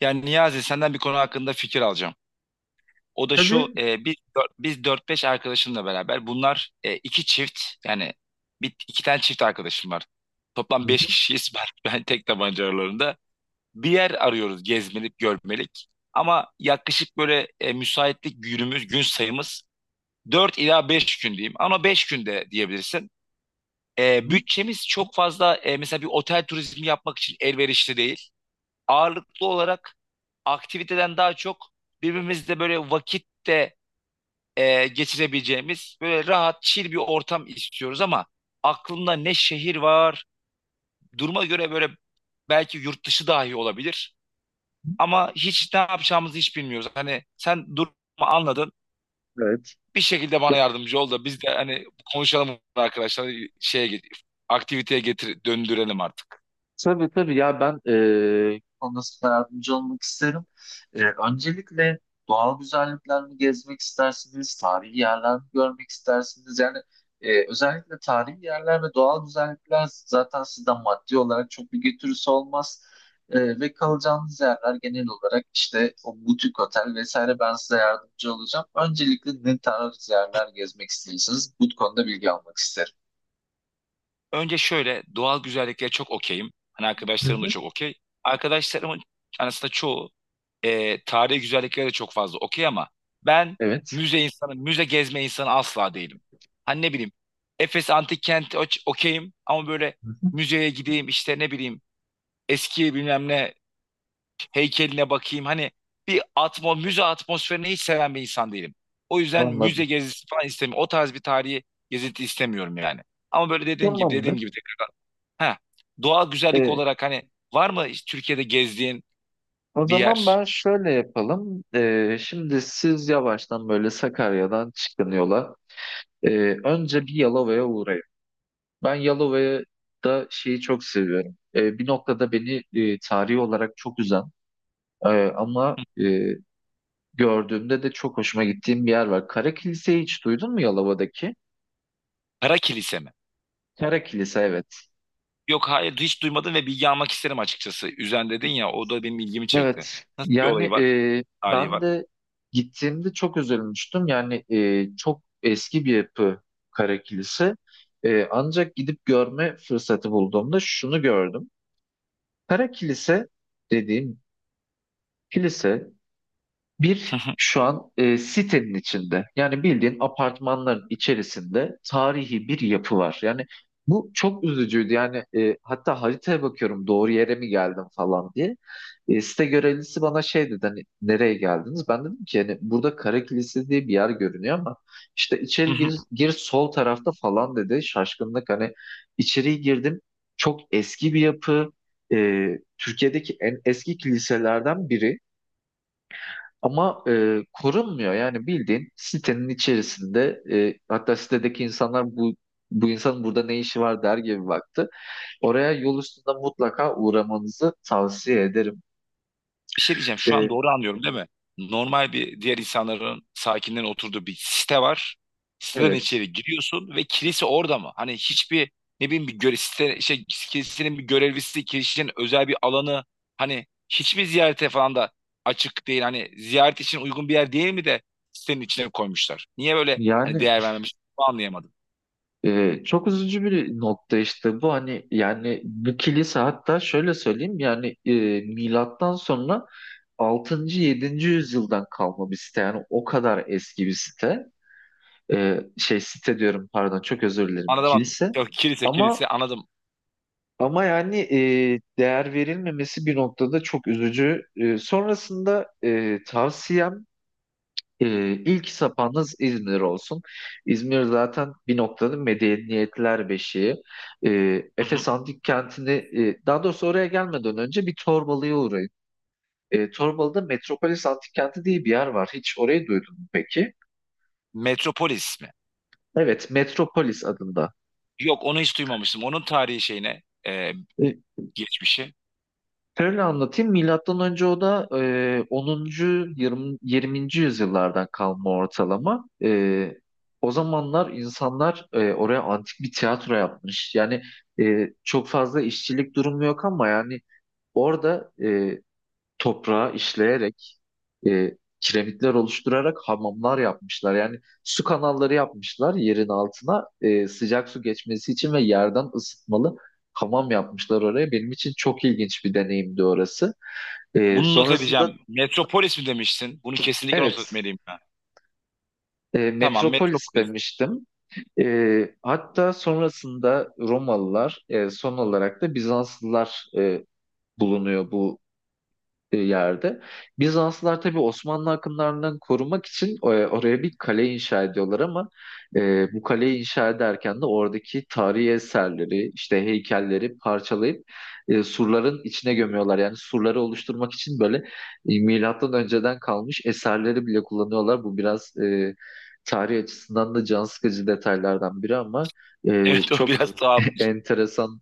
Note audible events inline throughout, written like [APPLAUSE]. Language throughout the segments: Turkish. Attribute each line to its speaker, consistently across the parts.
Speaker 1: Yani Niyazi senden bir konu hakkında fikir alacağım. O da şu
Speaker 2: Tabii.
Speaker 1: biz dört beş arkadaşımla beraber bunlar iki çift yani bir, iki tane çift arkadaşım var. Toplam
Speaker 2: Hı
Speaker 1: 5
Speaker 2: hı,
Speaker 1: kişiyiz [LAUGHS] ben tek tabanca aralarında. Bir yer arıyoruz gezmelik görmelik ama yaklaşık böyle müsaitlik günümüz gün sayımız 4 ila 5 gün diyeyim ama 5 günde diyebilirsin.
Speaker 2: hı
Speaker 1: Bütçemiz çok fazla mesela bir otel turizmi yapmak için elverişli değil, ağırlıklı olarak aktiviteden daha çok birbirimizle böyle vakitte geçirebileceğimiz böyle rahat, chill bir ortam istiyoruz. Ama aklımda ne şehir var, duruma göre böyle belki yurt dışı dahi olabilir,
Speaker 2: hı.
Speaker 1: ama hiç ne yapacağımızı hiç bilmiyoruz. Hani sen durumu anladın,
Speaker 2: Evet.
Speaker 1: bir şekilde bana
Speaker 2: Ya,
Speaker 1: yardımcı ol da biz de hani konuşalım arkadaşlar, şeye aktiviteye getir döndürelim artık.
Speaker 2: tabii tabii ya ben konusunda yardımcı olmak isterim. Öncelikle doğal güzelliklerini gezmek istersiniz, tarihi yerlerini görmek istersiniz? Yani özellikle tarihi yerler ve doğal güzellikler zaten sizden maddi olarak çok bir götürüsü olmaz. Ve kalacağınız yerler genel olarak işte o butik otel vesaire ben size yardımcı olacağım. Öncelikle ne tarz yerler gezmek istiyorsanız bu konuda bilgi almak isterim.
Speaker 1: Önce şöyle doğal güzelliklere çok okeyim. Hani arkadaşlarım da çok okey. Arkadaşlarımın aslında çoğu tarihi güzelliklere de çok fazla okey ama ben
Speaker 2: Evet.
Speaker 1: müze insanı, müze gezme insanı asla değilim. Hani ne bileyim, Efes Antik Kenti okeyim, ama böyle
Speaker 2: Hı hı.
Speaker 1: müzeye gideyim, işte ne bileyim eski bilmem ne heykeline bakayım. Hani bir müze atmosferini hiç seven bir insan değilim. O yüzden müze
Speaker 2: Anladım.
Speaker 1: gezisi falan istemiyorum. O tarz bir tarihi gezinti istemiyorum yani. Ama böyle dediğim gibi dediğim
Speaker 2: Tamamdır.
Speaker 1: gibi Ha, doğal güzellik
Speaker 2: Ee,
Speaker 1: olarak hani var mı hiç Türkiye'de gezdiğin
Speaker 2: o
Speaker 1: bir
Speaker 2: zaman
Speaker 1: yer?
Speaker 2: ben şöyle yapalım. Şimdi siz yavaştan böyle Sakarya'dan çıkın yola. Ee, önce bir Yalova'ya uğrayın. Ben Yalova'da şeyi çok seviyorum. Bir noktada beni tarihi olarak çok üzen e, ama
Speaker 1: Hı.
Speaker 2: gördüğümde de çok hoşuma gittiğim bir yer var. Kara Kilise'yi hiç duydun mu Yalova'daki?
Speaker 1: Kara kilise mi?
Speaker 2: Kara Kilise, evet.
Speaker 1: Yok, hayır hiç duymadım ve bilgi almak isterim açıkçası. Üzen dedin ya, o da benim ilgimi çekti.
Speaker 2: Evet.
Speaker 1: Nasıl bir
Speaker 2: Yani
Speaker 1: olayı var? Tarihi
Speaker 2: ben
Speaker 1: var.
Speaker 2: de gittiğimde çok üzülmüştüm. Yani çok eski bir yapı Kara Kilise. Ancak gidip görme fırsatı bulduğumda şunu gördüm. Kara Kilise dediğim kilise bir şu an sitenin içinde, yani bildiğin apartmanların içerisinde tarihi bir yapı var. Yani bu çok üzücüydü, yani hatta haritaya bakıyorum doğru yere mi geldim falan diye. Site görevlisi bana şey dedi, hani nereye geldiniz? Ben dedim ki hani burada Kara Kilisesi diye bir yer görünüyor ama işte içeri gir,
Speaker 1: [LAUGHS]
Speaker 2: gir sol tarafta falan dedi şaşkınlık, hani içeriye girdim, çok eski bir yapı. E, Türkiye'deki en eski kiliselerden biri. Ama korunmuyor. Yani bildiğin sitenin içerisinde, hatta sitedeki insanlar bu insanın burada ne işi var der gibi baktı. Oraya yol üstünde mutlaka uğramanızı tavsiye ederim.
Speaker 1: Bir şey diyeceğim. Şu an
Speaker 2: E,
Speaker 1: doğru anlıyorum değil mi? Normal bir diğer insanların, sakinlerin oturduğu bir site var. Siteden
Speaker 2: evet.
Speaker 1: içeri giriyorsun ve kilise orada mı? Hani hiçbir ne bileyim, bir göre, site, kilisenin bir görevlisi, kilisenin özel bir alanı, hani hiçbir ziyarete falan da açık değil. Hani ziyaret için uygun bir yer değil mi de sitenin içine koymuşlar. Niye böyle hani
Speaker 2: Yani
Speaker 1: değer vermemiş? Bunu anlayamadım.
Speaker 2: çok üzücü bir nokta işte bu, hani yani bu kilise hatta şöyle söyleyeyim, yani milattan sonra altıncı yedinci yüzyıldan kalma bir site, yani o kadar eski bir site. Şey site diyorum, pardon, çok özür dilerim,
Speaker 1: Anladım, anladım.
Speaker 2: kilise
Speaker 1: Yok, kilise, kilise,
Speaker 2: ama
Speaker 1: anladım.
Speaker 2: ama yani değer verilmemesi bir noktada çok üzücü. Sonrasında tavsiyem, ilk sapanız İzmir olsun. İzmir zaten bir noktada medeniyetler beşiği. E,
Speaker 1: Hı hı.
Speaker 2: Efes Antik Kenti'ni, daha doğrusu oraya gelmeden önce bir Torbalı'ya uğrayın. Torbalı'da Metropolis Antik Kenti diye bir yer var. Hiç orayı duydun mu peki?
Speaker 1: Metropolis mi?
Speaker 2: Evet, Metropolis adında.
Speaker 1: Yok, onu hiç duymamıştım. Onun tarihi şeyine e,
Speaker 2: E,
Speaker 1: geçmişi.
Speaker 2: Şöyle anlatayım. Milattan önce, o da 10. 20. 20. yüzyıllardan kalma ortalama. O zamanlar insanlar oraya antik bir tiyatro yapmış. Yani çok fazla işçilik durumu yok, ama yani orada toprağı işleyerek, kiremitler oluşturarak hamamlar yapmışlar. Yani su kanalları yapmışlar yerin altına, sıcak su geçmesi için, ve yerden ısıtmalı hamam yapmışlar oraya. Benim için çok ilginç bir deneyimdi orası. E,
Speaker 1: Bunu not
Speaker 2: sonrasında
Speaker 1: edeceğim. Metropolis mi demiştin? Bunu kesinlikle not
Speaker 2: evet,
Speaker 1: etmeliyim ben. Tamam,
Speaker 2: Metropolis
Speaker 1: Metropolis. [LAUGHS]
Speaker 2: demiştim. Hatta sonrasında Romalılar, son olarak da Bizanslılar bulunuyor bu yerde. Bizanslılar tabii Osmanlı akınlarından korumak için oraya bir kale inşa ediyorlar, ama bu kaleyi inşa ederken de oradaki tarihi eserleri, işte heykelleri parçalayıp surların içine gömüyorlar. Yani surları oluşturmak için böyle milattan önceden kalmış eserleri bile kullanıyorlar. Bu biraz tarih açısından da can sıkıcı detaylardan biri, ama
Speaker 1: Evet, o
Speaker 2: çok
Speaker 1: biraz
Speaker 2: [LAUGHS]
Speaker 1: tuhafmış.
Speaker 2: enteresan,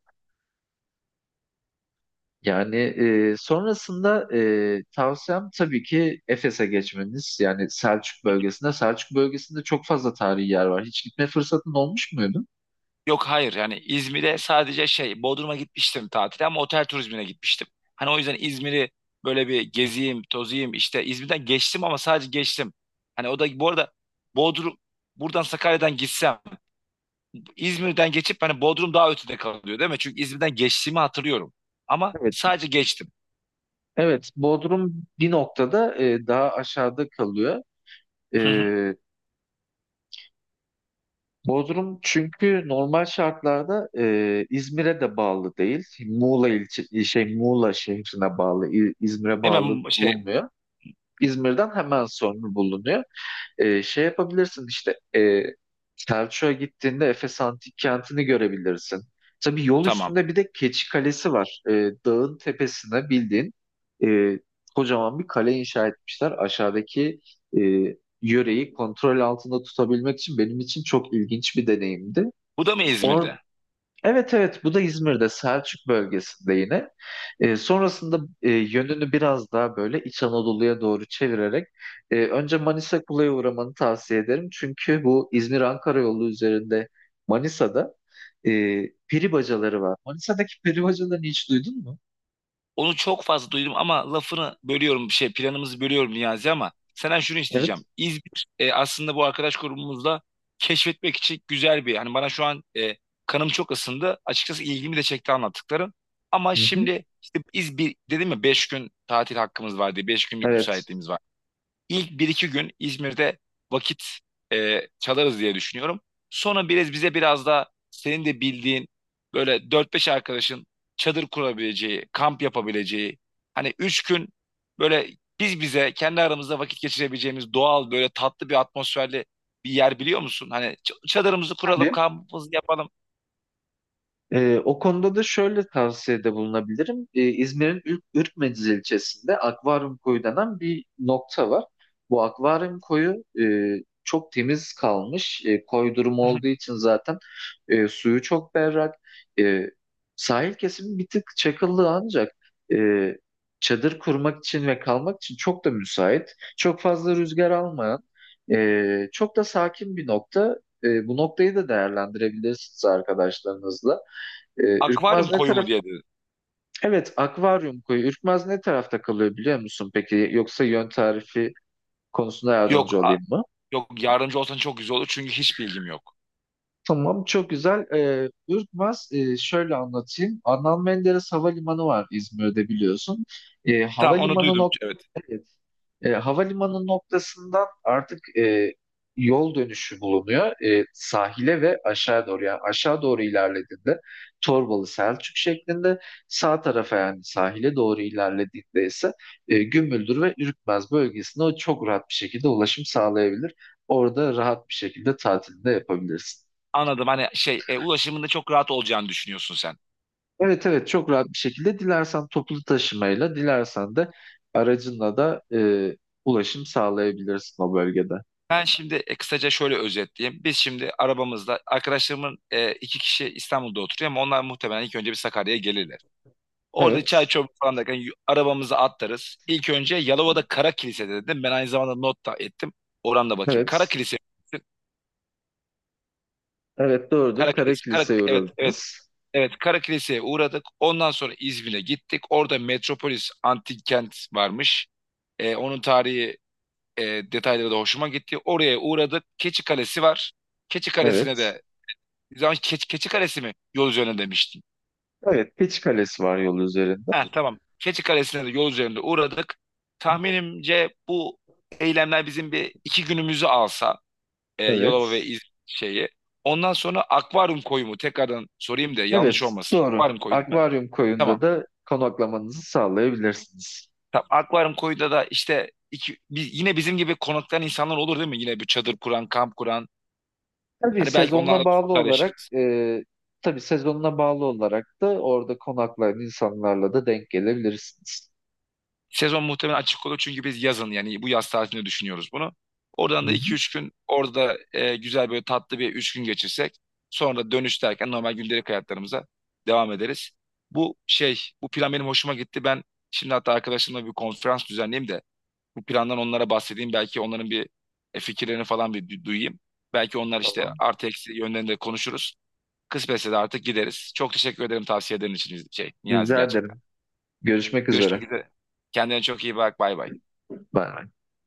Speaker 2: yani sonrasında, tavsiyem tabii ki Efes'e geçmeniz. Yani Selçuk bölgesinde. Selçuk bölgesinde çok fazla tarihi yer var. Hiç gitme fırsatın olmuş muydu?
Speaker 1: Yok hayır yani İzmir'e sadece şey Bodrum'a gitmiştim tatile, ama otel turizmine gitmiştim. Hani o yüzden İzmir'i böyle bir geziyim, tozayım işte, İzmir'den geçtim ama sadece geçtim. Hani o da bu arada Bodrum, buradan Sakarya'dan gitsem İzmir'den geçip hani Bodrum daha ötede kalıyor değil mi? Çünkü İzmir'den geçtiğimi hatırlıyorum. Ama
Speaker 2: Evet.
Speaker 1: sadece geçtim.
Speaker 2: Evet, Bodrum bir noktada daha aşağıda kalıyor. E,
Speaker 1: [LAUGHS]
Speaker 2: Bodrum çünkü normal şartlarda İzmir'e de bağlı değil. Muğla ilçe, şey Muğla şehrine bağlı, İzmir'e bağlı
Speaker 1: Hemen şey,
Speaker 2: bulunmuyor. İzmir'den hemen sonra bulunuyor. Şey yapabilirsin işte, Selçuk'a gittiğinde Efes Antik Kenti'ni görebilirsin. Tabii yol
Speaker 1: tamam.
Speaker 2: üstünde bir de Keçi Kalesi var. Dağın tepesine bildiğin e, kocaman bir kale inşa etmişler. Aşağıdaki e, yöreyi kontrol altında tutabilmek için benim için çok ilginç bir deneyimdi.
Speaker 1: Bu da mı
Speaker 2: Or
Speaker 1: İzmir'de?
Speaker 2: Evet, evet, bu da İzmir'de, Selçuk bölgesinde yine. Sonrasında, yönünü biraz daha böyle İç Anadolu'ya doğru çevirerek önce Manisa Kula'ya uğramanı tavsiye ederim. Çünkü bu İzmir-Ankara yolu üzerinde Manisa'da e, peri bacaları var. Manisa'daki peri bacalarını hiç duydun mu?
Speaker 1: Onu çok fazla duydum, ama lafını bölüyorum, bir şey, planımızı bölüyorum Niyazi, ama senden şunu
Speaker 2: Evet.
Speaker 1: isteyeceğim. İzmir aslında bu arkadaş grubumuzla keşfetmek için güzel bir, hani bana şu an kanım çok ısındı. Açıkçası ilgimi de çekti anlattıkların. Ama
Speaker 2: Hı hı.
Speaker 1: şimdi işte, İzmir dedim ya, 5 gün tatil hakkımız var diye, 5 günlük
Speaker 2: Evet.
Speaker 1: müsaitliğimiz var. İlk bir iki gün İzmir'de vakit çalarız diye düşünüyorum. Sonra biraz bize, biraz da senin de bildiğin böyle dört beş arkadaşın çadır kurabileceği, kamp yapabileceği, hani 3 gün böyle biz bize kendi aramızda vakit geçirebileceğimiz doğal, böyle tatlı bir atmosferli bir yer biliyor musun? Hani çadırımızı kuralım,
Speaker 2: Tabii.
Speaker 1: kampımızı yapalım.
Speaker 2: O konuda da şöyle tavsiyede bulunabilirim. İzmir'in Ürkmeciz ilçesinde Akvaryum Koyu denen bir nokta var. Bu Akvaryum Koyu çok temiz kalmış. Koy durumu olduğu
Speaker 1: [LAUGHS]
Speaker 2: için zaten suyu çok berrak. E, sahil kesimi bir tık çakıllı, ancak e, çadır kurmak için ve kalmak için çok da müsait. Çok fazla rüzgar almayan, çok da sakin bir nokta. Bu noktayı da değerlendirebilirsiniz arkadaşlarınızla. Ee,
Speaker 1: Akvaryum
Speaker 2: Ürkmaz ne
Speaker 1: koyu mu
Speaker 2: taraf?
Speaker 1: diye dedi.
Speaker 2: Evet, akvaryum koyu. Ürkmaz ne tarafta kalıyor biliyor musun peki? Yoksa yön tarifi konusunda
Speaker 1: Yok,
Speaker 2: yardımcı
Speaker 1: a-
Speaker 2: olayım mı?
Speaker 1: yok, yardımcı olsan çok güzel olur çünkü hiç bilgim yok.
Speaker 2: Tamam, çok güzel. Ürkmaz, şöyle anlatayım. Adnan Menderes Havalimanı var İzmir'de, biliyorsun. Ee,
Speaker 1: Tamam, onu
Speaker 2: havalimanı
Speaker 1: duydum.
Speaker 2: nokta
Speaker 1: Evet.
Speaker 2: Havalimanı noktasından artık yol dönüşü bulunuyor sahile ve aşağı doğru. Yani aşağı doğru ilerlediğinde Torbalı Selçuk şeklinde, sağ tarafa yani sahile doğru ilerlediğinde ise Gümüldür ve Ürkmez bölgesine o çok rahat bir şekilde ulaşım sağlayabilir. Orada rahat bir şekilde tatilini de yapabilirsin.
Speaker 1: Anladım. Hani şey, ulaşımında çok rahat olacağını düşünüyorsun sen.
Speaker 2: Evet, evet, çok rahat bir şekilde dilersen toplu taşımayla, dilersen de aracınla da ulaşım sağlayabilirsin o bölgede.
Speaker 1: Ben şimdi kısaca şöyle özetleyeyim. Biz şimdi arabamızda arkadaşlarımın iki kişi İstanbul'da oturuyor, ama onlar muhtemelen ilk önce bir Sakarya'ya gelirler. Orada çay
Speaker 2: Evet.
Speaker 1: çorba falan derken arabamızı atlarız. İlk önce Yalova'da Kara Kilise dedim. Ben aynı zamanda not da ettim. Oradan da bakayım. Kara
Speaker 2: Evet.
Speaker 1: Kilise.
Speaker 2: Evet, doğrudur.
Speaker 1: Kara
Speaker 2: Kara
Speaker 1: Kilise. Kara,
Speaker 2: Kilise'ye
Speaker 1: evet, evet.
Speaker 2: uğradınız.
Speaker 1: Evet, Kara Kilise'ye uğradık. Ondan sonra İzmir'e gittik. Orada Metropolis Antik Kent varmış. Onun tarihi e, detayları da hoşuma gitti. Oraya uğradık. Keçi Kalesi var. Keçi Kalesi'ne
Speaker 2: Evet.
Speaker 1: de zaman, Keçi, Keçi Kalesi mi yol üzerine demiştin.
Speaker 2: Evet. Keçi Kalesi var yol üzerinde.
Speaker 1: Ha, tamam. Keçi Kalesi'ne de yol üzerinde uğradık. Tahminimce bu eylemler bizim bir iki günümüzü alsa Yalova ve
Speaker 2: Evet.
Speaker 1: İz şeyi. Ondan sonra akvaryum koyu mu? Tekrardan sorayım da yanlış
Speaker 2: Evet.
Speaker 1: olmasın.
Speaker 2: Doğru.
Speaker 1: Akvaryum koyu değil mi?
Speaker 2: Akvaryum koyunda
Speaker 1: Tamam.
Speaker 2: da konaklamanızı sağlayabilirsiniz.
Speaker 1: Tamam. Akvaryum koyuda da işte iki, yine bizim gibi konaklayan insanlar olur değil mi? Yine bir çadır kuran, kamp kuran.
Speaker 2: Tabii
Speaker 1: Hani belki
Speaker 2: sezonuna
Speaker 1: onlarla
Speaker 2: bağlı olarak
Speaker 1: sosyalleşiriz.
Speaker 2: e, tabii sezonuna bağlı olarak da orada konaklayan insanlarla da denk gelebilirsiniz.
Speaker 1: Sezon muhtemelen açık olur çünkü biz yazın, yani bu yaz tatilinde düşünüyoruz bunu. Oradan
Speaker 2: Hı
Speaker 1: da
Speaker 2: hı.
Speaker 1: iki üç gün orada güzel böyle tatlı bir 3 gün geçirsek, sonra dönüş derken normal gündelik hayatlarımıza devam ederiz. Bu şey, bu plan benim hoşuma gitti. Ben şimdi hatta arkadaşımla bir konferans düzenleyeyim de bu plandan onlara bahsedeyim. Belki onların bir fikirlerini falan bir duyayım. Belki onlar işte
Speaker 2: Tamam.
Speaker 1: artı eksi yönlerini de konuşuruz. Kısmetse de artık gideriz. Çok teşekkür ederim tavsiyelerin için, şey Niyazi,
Speaker 2: Rica
Speaker 1: gerçekten.
Speaker 2: ederim. Görüşmek üzere.
Speaker 1: Görüşmek üzere. Kendine çok iyi bak. Bay bay.
Speaker 2: Bay bay.